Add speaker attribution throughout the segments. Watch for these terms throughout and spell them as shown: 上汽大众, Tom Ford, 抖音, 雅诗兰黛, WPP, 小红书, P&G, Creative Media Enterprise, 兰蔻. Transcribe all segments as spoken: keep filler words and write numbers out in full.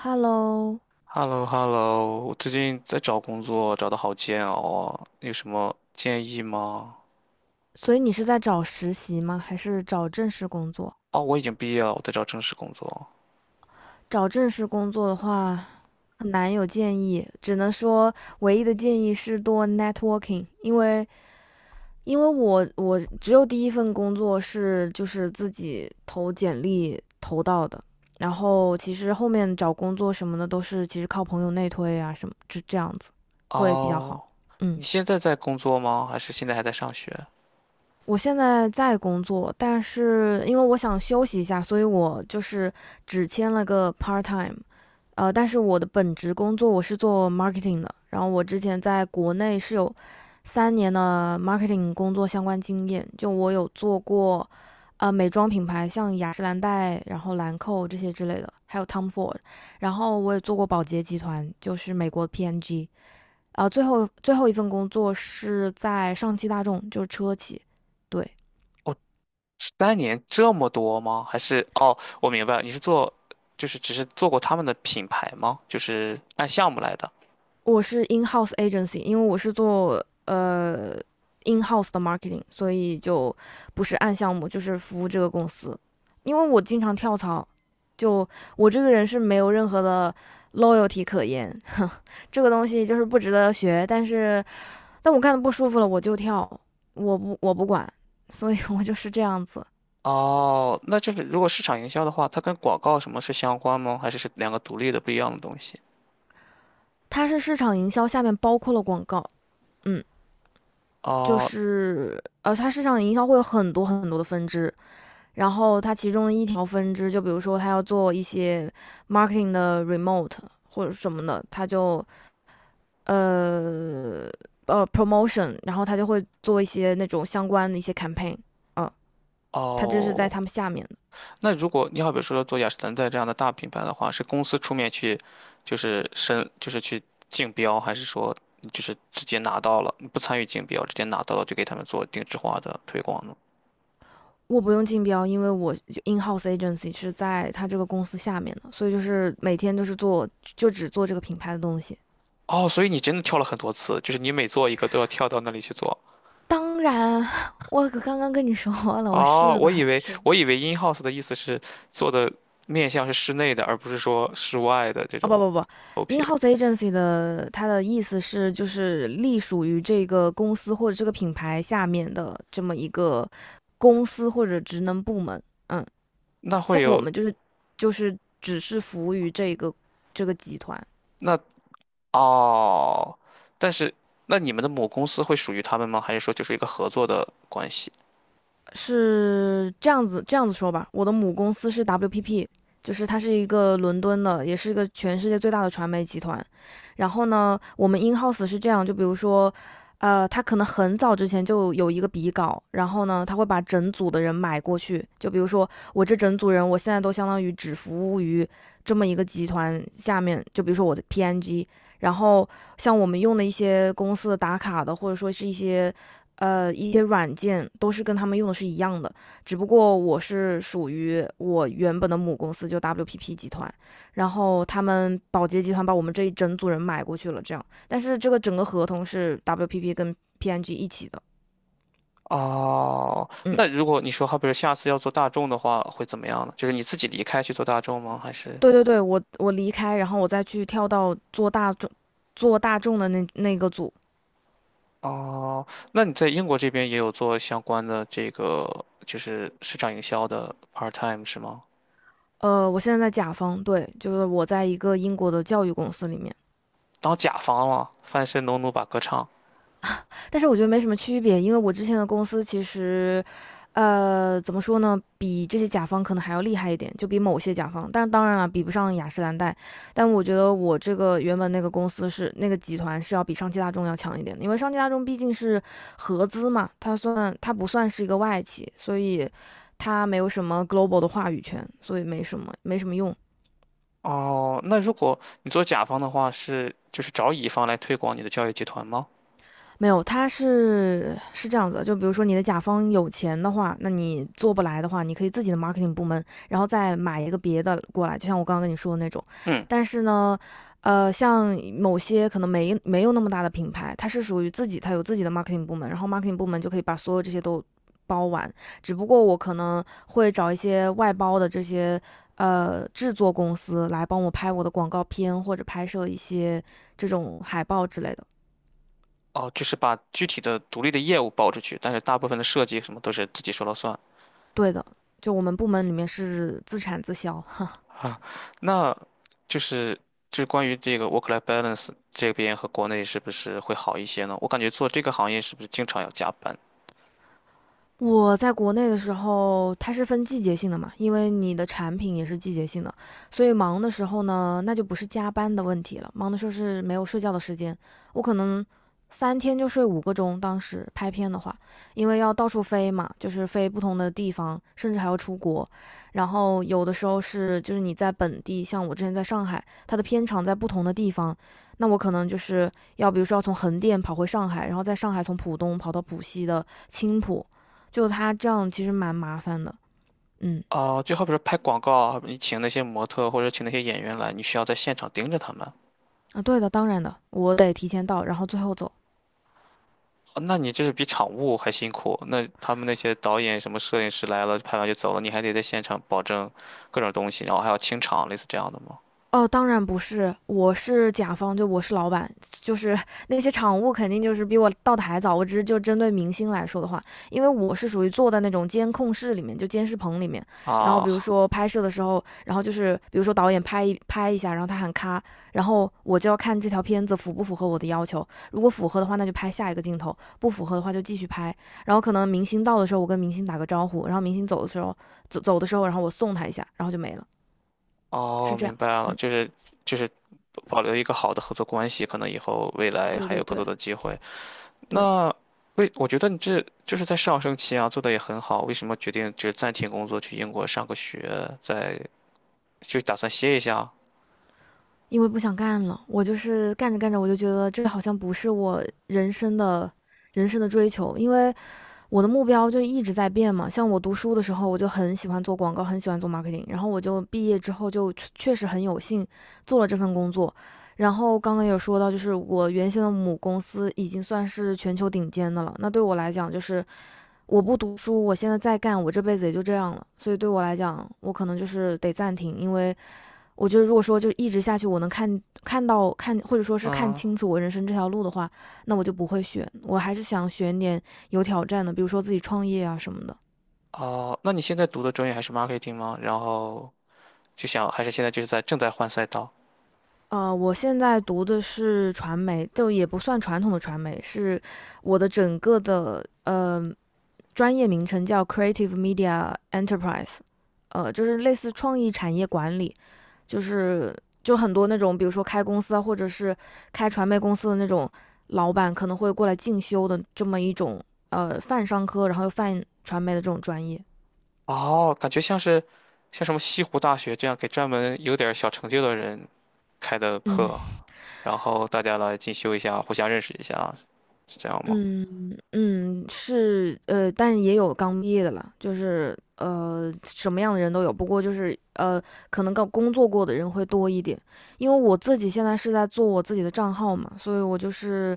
Speaker 1: Hello，
Speaker 2: h e l l o h e l l o 我最近在找工作，找的好煎熬啊，有什么建议吗？
Speaker 1: 所以你是在找实习吗？还是找正式工作？
Speaker 2: 哦，我已经毕业了，我在找正式工作。
Speaker 1: 找正式工作的话，很难有建议，只能说唯一的建议是多 networking，因为因为我我只有第一份工作是就是自己投简历投到的，然后其实后面找工作什么的都是其实靠朋友内推啊什么，这这样子会比较好。
Speaker 2: 哦，
Speaker 1: 嗯。
Speaker 2: 你现在在工作吗？还是现在还在上学？
Speaker 1: 我现在在工作，但是因为我想休息一下，所以我就是只签了个 part time。呃，但是我的本职工作我是做 marketing 的，然后我之前在国内是有三年的 marketing 工作相关经验，就我有做过呃美妆品牌，像雅诗兰黛，然后兰蔻这些之类的，还有 Tom Ford，然后我也做过宝洁集团，就是美国 P and G，n 啊、呃，最后最后一份工作是在上汽大众，就是车企，对。
Speaker 2: 三年这么多吗？还是哦，我明白了，你是做，就是只是做过他们的品牌吗？就是按项目来的。
Speaker 1: 我是 in house agency，因为我是做呃 in house 的 marketing，所以就不是按项目，就是服务这个公司。因为我经常跳槽，就我这个人是没有任何的 loyalty 可言，这个东西就是不值得学。但是，但我干的不舒服了，我就跳，我不我不管，所以 我就是这样子。
Speaker 2: 哦，那就是如果市场营销的话，它跟广告什么是相关吗？还是是两个独立的不一样的东西？
Speaker 1: 它是市场营销下面包括了广告，嗯，就
Speaker 2: 哦
Speaker 1: 是呃，它市场营销会有很多很多的分支，然后它其中的一条分支，就比如说他要做一些 marketing 的 remote 或者什么的，他就呃呃 promotion，然后他就会做一些那种相关的一些 campaign，啊，他这是在他
Speaker 2: 哦，
Speaker 1: 们下面的。
Speaker 2: 那如果你好比说做雅诗兰黛这样的大品牌的话，是公司出面去，就是申，就是去竞标，还是说就是直接拿到了，你不参与竞标，直接拿到了就给他们做定制化的推广呢？
Speaker 1: 我不用竞标，因为我 in house agency 是在他这个公司下面的，所以就是每天都是做就只做这个品牌的东西。
Speaker 2: 哦，所以你真的跳了很多次，就是你每做一个都要跳到那里去做。
Speaker 1: 当然，我刚刚跟你说了，我
Speaker 2: 哦，
Speaker 1: 是的，
Speaker 2: 我以为
Speaker 1: 是的，
Speaker 2: 我以为 in house 的意思是做的面向是室内的，而不是说室外的这
Speaker 1: 啊不
Speaker 2: 种
Speaker 1: 不不
Speaker 2: 投屏。
Speaker 1: ，in-house agency 的它的意思是就是隶属于这个公司或者这个品牌下面的这么一个公司或者职能部门。嗯，
Speaker 2: 那会
Speaker 1: 像我
Speaker 2: 有，
Speaker 1: 们就是就是只是服务于这个这个集团。
Speaker 2: 那哦，但是那你们的母公司会属于他们吗？还是说就是一个合作的关系？
Speaker 1: 是这样子这样子说吧，我的母公司是 W P P，就是它是一个伦敦的，也是一个全世界最大的传媒集团。然后呢，我们 in house 是这样，就比如说，呃，他可能很早之前就有一个笔稿，然后呢，他会把整组的人买过去。就比如说我这整组人，我现在都相当于只服务于这么一个集团下面，就比如说我的 P N G。然后像我们用的一些公司的打卡的，或者说是一些呃，一些软件都是跟他们用的是一样的，只不过我是属于我原本的母公司就 W P P 集团，然后他们宝洁集团把我们这一整组人买过去了，这样，但是这个整个合同是 W P P 跟 P N G 一起的，
Speaker 2: 哦，
Speaker 1: 嗯，
Speaker 2: 那如果你说好比如下次要做大众的话，会怎么样呢？就是你自己离开去做大众吗？还是？
Speaker 1: 对对对，我我离开，然后我再去跳到做大众做大众的那那个组，
Speaker 2: 哦，那你在英国这边也有做相关的这个就是市场营销的 part time 是吗？
Speaker 1: 呃，我现在在甲方，对，就是我在一个英国的教育公司里面，
Speaker 2: 当甲方了，翻身农奴把歌唱。
Speaker 1: 但是我觉得没什么区别，因为我之前的公司其实，呃，怎么说呢，比这些甲方可能还要厉害一点，就比某些甲方，但当然了，比不上雅诗兰黛。但我觉得我这个原本那个公司是那个集团是要比上汽大众要强一点的，因为上汽大众毕竟是合资嘛，它算它不算是一个外企，所以它没有什么 global 的话语权，所以没什么没什么用。
Speaker 2: 哦，那如果你做甲方的话，是就是找乙方来推广你的教育集团吗？
Speaker 1: 没有，他是是这样子就比如说你的甲方有钱的话，那你做不来的话，你可以自己的 marketing 部门，然后再买一个别的过来，就像我刚刚跟你说的那种。
Speaker 2: 嗯。
Speaker 1: 但是呢，呃，像某些可能没没有那么大的品牌，它是属于自己，它有自己的 marketing 部门，然后 marketing 部门就可以把所有这些都包完。只不过我可能会找一些外包的这些呃制作公司来帮我拍我的广告片或者拍摄一些这种海报之类的。
Speaker 2: 哦，就是把具体的独立的业务包出去，但是大部分的设计什么都是自己说了算。
Speaker 1: 对的，就我们部门里面是自产自销，哈。
Speaker 2: 那就是就是关于这个 work-life balance 这边和国内是不是会好一些呢？我感觉做这个行业是不是经常要加班？
Speaker 1: 我在国内的时候，它是分季节性的嘛，因为你的产品也是季节性的，所以忙的时候呢，那就不是加班的问题了，忙的时候是没有睡觉的时间，我可能三天就睡五个钟。当时拍片的话，因为要到处飞嘛，就是飞不同的地方，甚至还要出国，然后有的时候是就是你在本地，像我之前在上海，它的片场在不同的地方，那我可能就是要比如说要从横店跑回上海，然后在上海从浦东跑到浦西的青浦。就他这样其实蛮麻烦的。嗯。
Speaker 2: 哦，就好比说拍广告啊，你请那些模特或者请那些演员来，你需要在现场盯着他们。
Speaker 1: 啊，对的，当然的，我得提前到，然后最后走。
Speaker 2: 哦那你这是比场务还辛苦。那他们那些导演、什么摄影师来了，拍完就走了，你还得在现场保证各种东西，然后还要清场，类似这样的吗？
Speaker 1: 哦，当然不是，我是甲方，就我是老板，就是那些场务肯定就是比我到的还早。我只是就针对明星来说的话，因为我是属于坐在那种监控室里面，就监视棚里面。然后
Speaker 2: 啊，
Speaker 1: 比如说拍摄的时候，然后就是比如说导演拍一拍一下，然后他喊咔，然后我就要看这条片子符不符合我的要求。如果符合的话，那就拍下一个镜头；不符合的话就继续拍。然后可能明星到的时候，我跟明星打个招呼，然后明星走的时候，走走的时候，然后我送他一下，然后就没了，
Speaker 2: 哦，
Speaker 1: 是这
Speaker 2: 明
Speaker 1: 样。
Speaker 2: 白了，
Speaker 1: 嗯，
Speaker 2: 就是就是保留一个好的合作关系，可能以后未来
Speaker 1: 对
Speaker 2: 还
Speaker 1: 对
Speaker 2: 有更
Speaker 1: 对。
Speaker 2: 多的机会。
Speaker 1: 对，
Speaker 2: 那为我觉得你这就是在上升期啊，做的也很好，为什么决定就是暂停工作去英国上个学，再就打算歇一下？
Speaker 1: 因为不想干了，我就是干着干着，我就觉得这好像不是我人生的人生的追求，因为我的目标就一直在变嘛。像我读书的时候，我就很喜欢做广告，很喜欢做 marketing，然后我就毕业之后就确实很有幸做了这份工作。然后刚刚有说到，就是我原先的母公司已经算是全球顶尖的了。那对我来讲，就是我不读书，我现在再干，我这辈子也就这样了。所以对我来讲，我可能就是得暂停，因为我觉得如果说就一直下去，我能看看到看或者说是看
Speaker 2: 嗯，
Speaker 1: 清楚我人生这条路的话，那我就不会选，我还是想选点有挑战的，比如说自己创业啊什么的。
Speaker 2: 哦，那你现在读的专业还是 marketing 吗？然后就想还是现在就是在正在换赛道。
Speaker 1: 呃，我现在读的是传媒，就也不算传统的传媒，是我的整个的呃专业名称叫 Creative Media Enterprise，呃，就是类似创意产业管理。就是就很多那种，比如说开公司啊，或者是开传媒公司的那种老板，可能会过来进修的这么一种呃泛商科，然后又泛传媒的这种专业。
Speaker 2: 哦，感觉像是像什么西湖大学这样给专门有点儿小成就的人开的
Speaker 1: 嗯
Speaker 2: 课。然后大家来进修一下，互相认识一下，是这样吗？
Speaker 1: 嗯嗯，是呃，但也有刚毕业的了，就是呃什么样的人都有，不过就是呃可能刚工作过的人会多一点，因为我自己现在是在做我自己的账号嘛，所以我就是。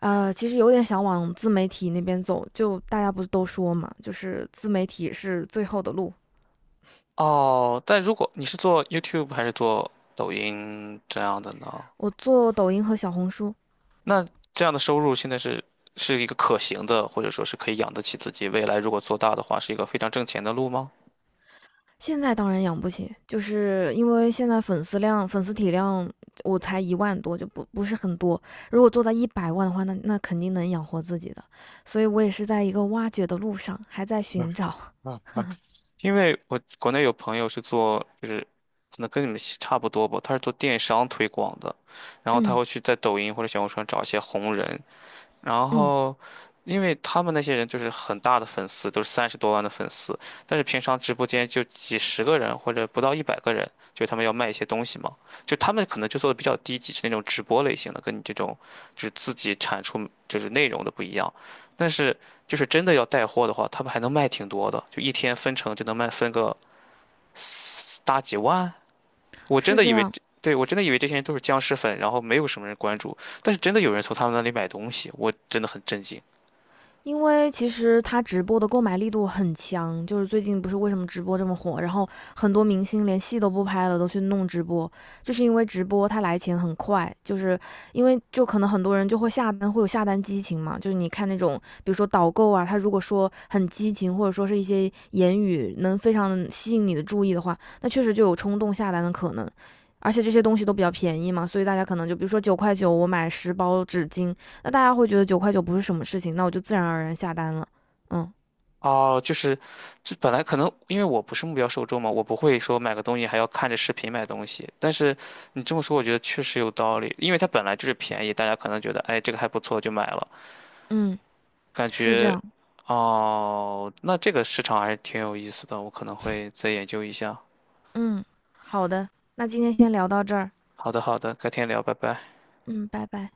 Speaker 1: 呃，其实有点想往自媒体那边走，就大家不是都说嘛，就是自媒体是最后的路。
Speaker 2: 哦，但如果你是做 YouTube 还是做抖音这样的呢？
Speaker 1: 我做抖音和小红书，
Speaker 2: 那这样的收入现在是是一个可行的，或者说是可以养得起自己，未来如果做大的话，是一个非常挣钱的路吗？
Speaker 1: 现在当然养不起，就是因为现在粉丝量、粉丝体量我才一万多，就不不是很多。如果做到一百万的话，那那肯定能养活自己的。所以我也是在一个挖掘的路上，还在寻找。
Speaker 2: 因为我国内有朋友是做，就是可能跟你们差不多吧，他是做电商推广的，然 后他
Speaker 1: 嗯
Speaker 2: 会去在抖音或者小红书上找一些红人，然
Speaker 1: 嗯，
Speaker 2: 后，因为他们那些人就是很大的粉丝，都是三十多万的粉丝，但是平常直播间就几十个人或者不到一百个人，就他们要卖一些东西嘛，就他们可能就做的比较低级，是那种直播类型的，跟你这种就是自己产出就是内容的不一样。但是就是真的要带货的话，他们还能卖挺多的，就一天分成就能卖分个四大几万。我真
Speaker 1: 是
Speaker 2: 的
Speaker 1: 这
Speaker 2: 以为
Speaker 1: 样。
Speaker 2: 这，对，我真的以为这些人都是僵尸粉，然后没有什么人关注，但是真的有人从他们那里买东西，我真的很震惊。
Speaker 1: 因为其实他直播的购买力度很强，就是最近不是为什么直播这么火，然后很多明星连戏都不拍了，都去弄直播，就是因为直播他来钱很快，就是因为就可能很多人就会下单，会有下单激情嘛，就是你看那种比如说导购啊，他如果说很激情，或者说是一些言语能非常吸引你的注意的话，那确实就有冲动下单的可能。而且这些东西都比较便宜嘛，所以大家可能就比如说九块九，我买十包纸巾，那大家会觉得九块九不是什么事情，那我就自然而然下单了。嗯
Speaker 2: 哦，就是，这本来可能因为我不是目标受众嘛，我不会说买个东西还要看着视频买东西。但是你这么说，我觉得确实有道理，因为它本来就是便宜，大家可能觉得，哎，这个还不错就买了，
Speaker 1: 嗯，
Speaker 2: 感
Speaker 1: 是这
Speaker 2: 觉，
Speaker 1: 样。
Speaker 2: 哦，那这个市场还是挺有意思的，我可能会再研究一下。
Speaker 1: 嗯，好的，那今天先聊到这儿。
Speaker 2: 好的，好的，改天聊，拜拜。
Speaker 1: 嗯，拜拜。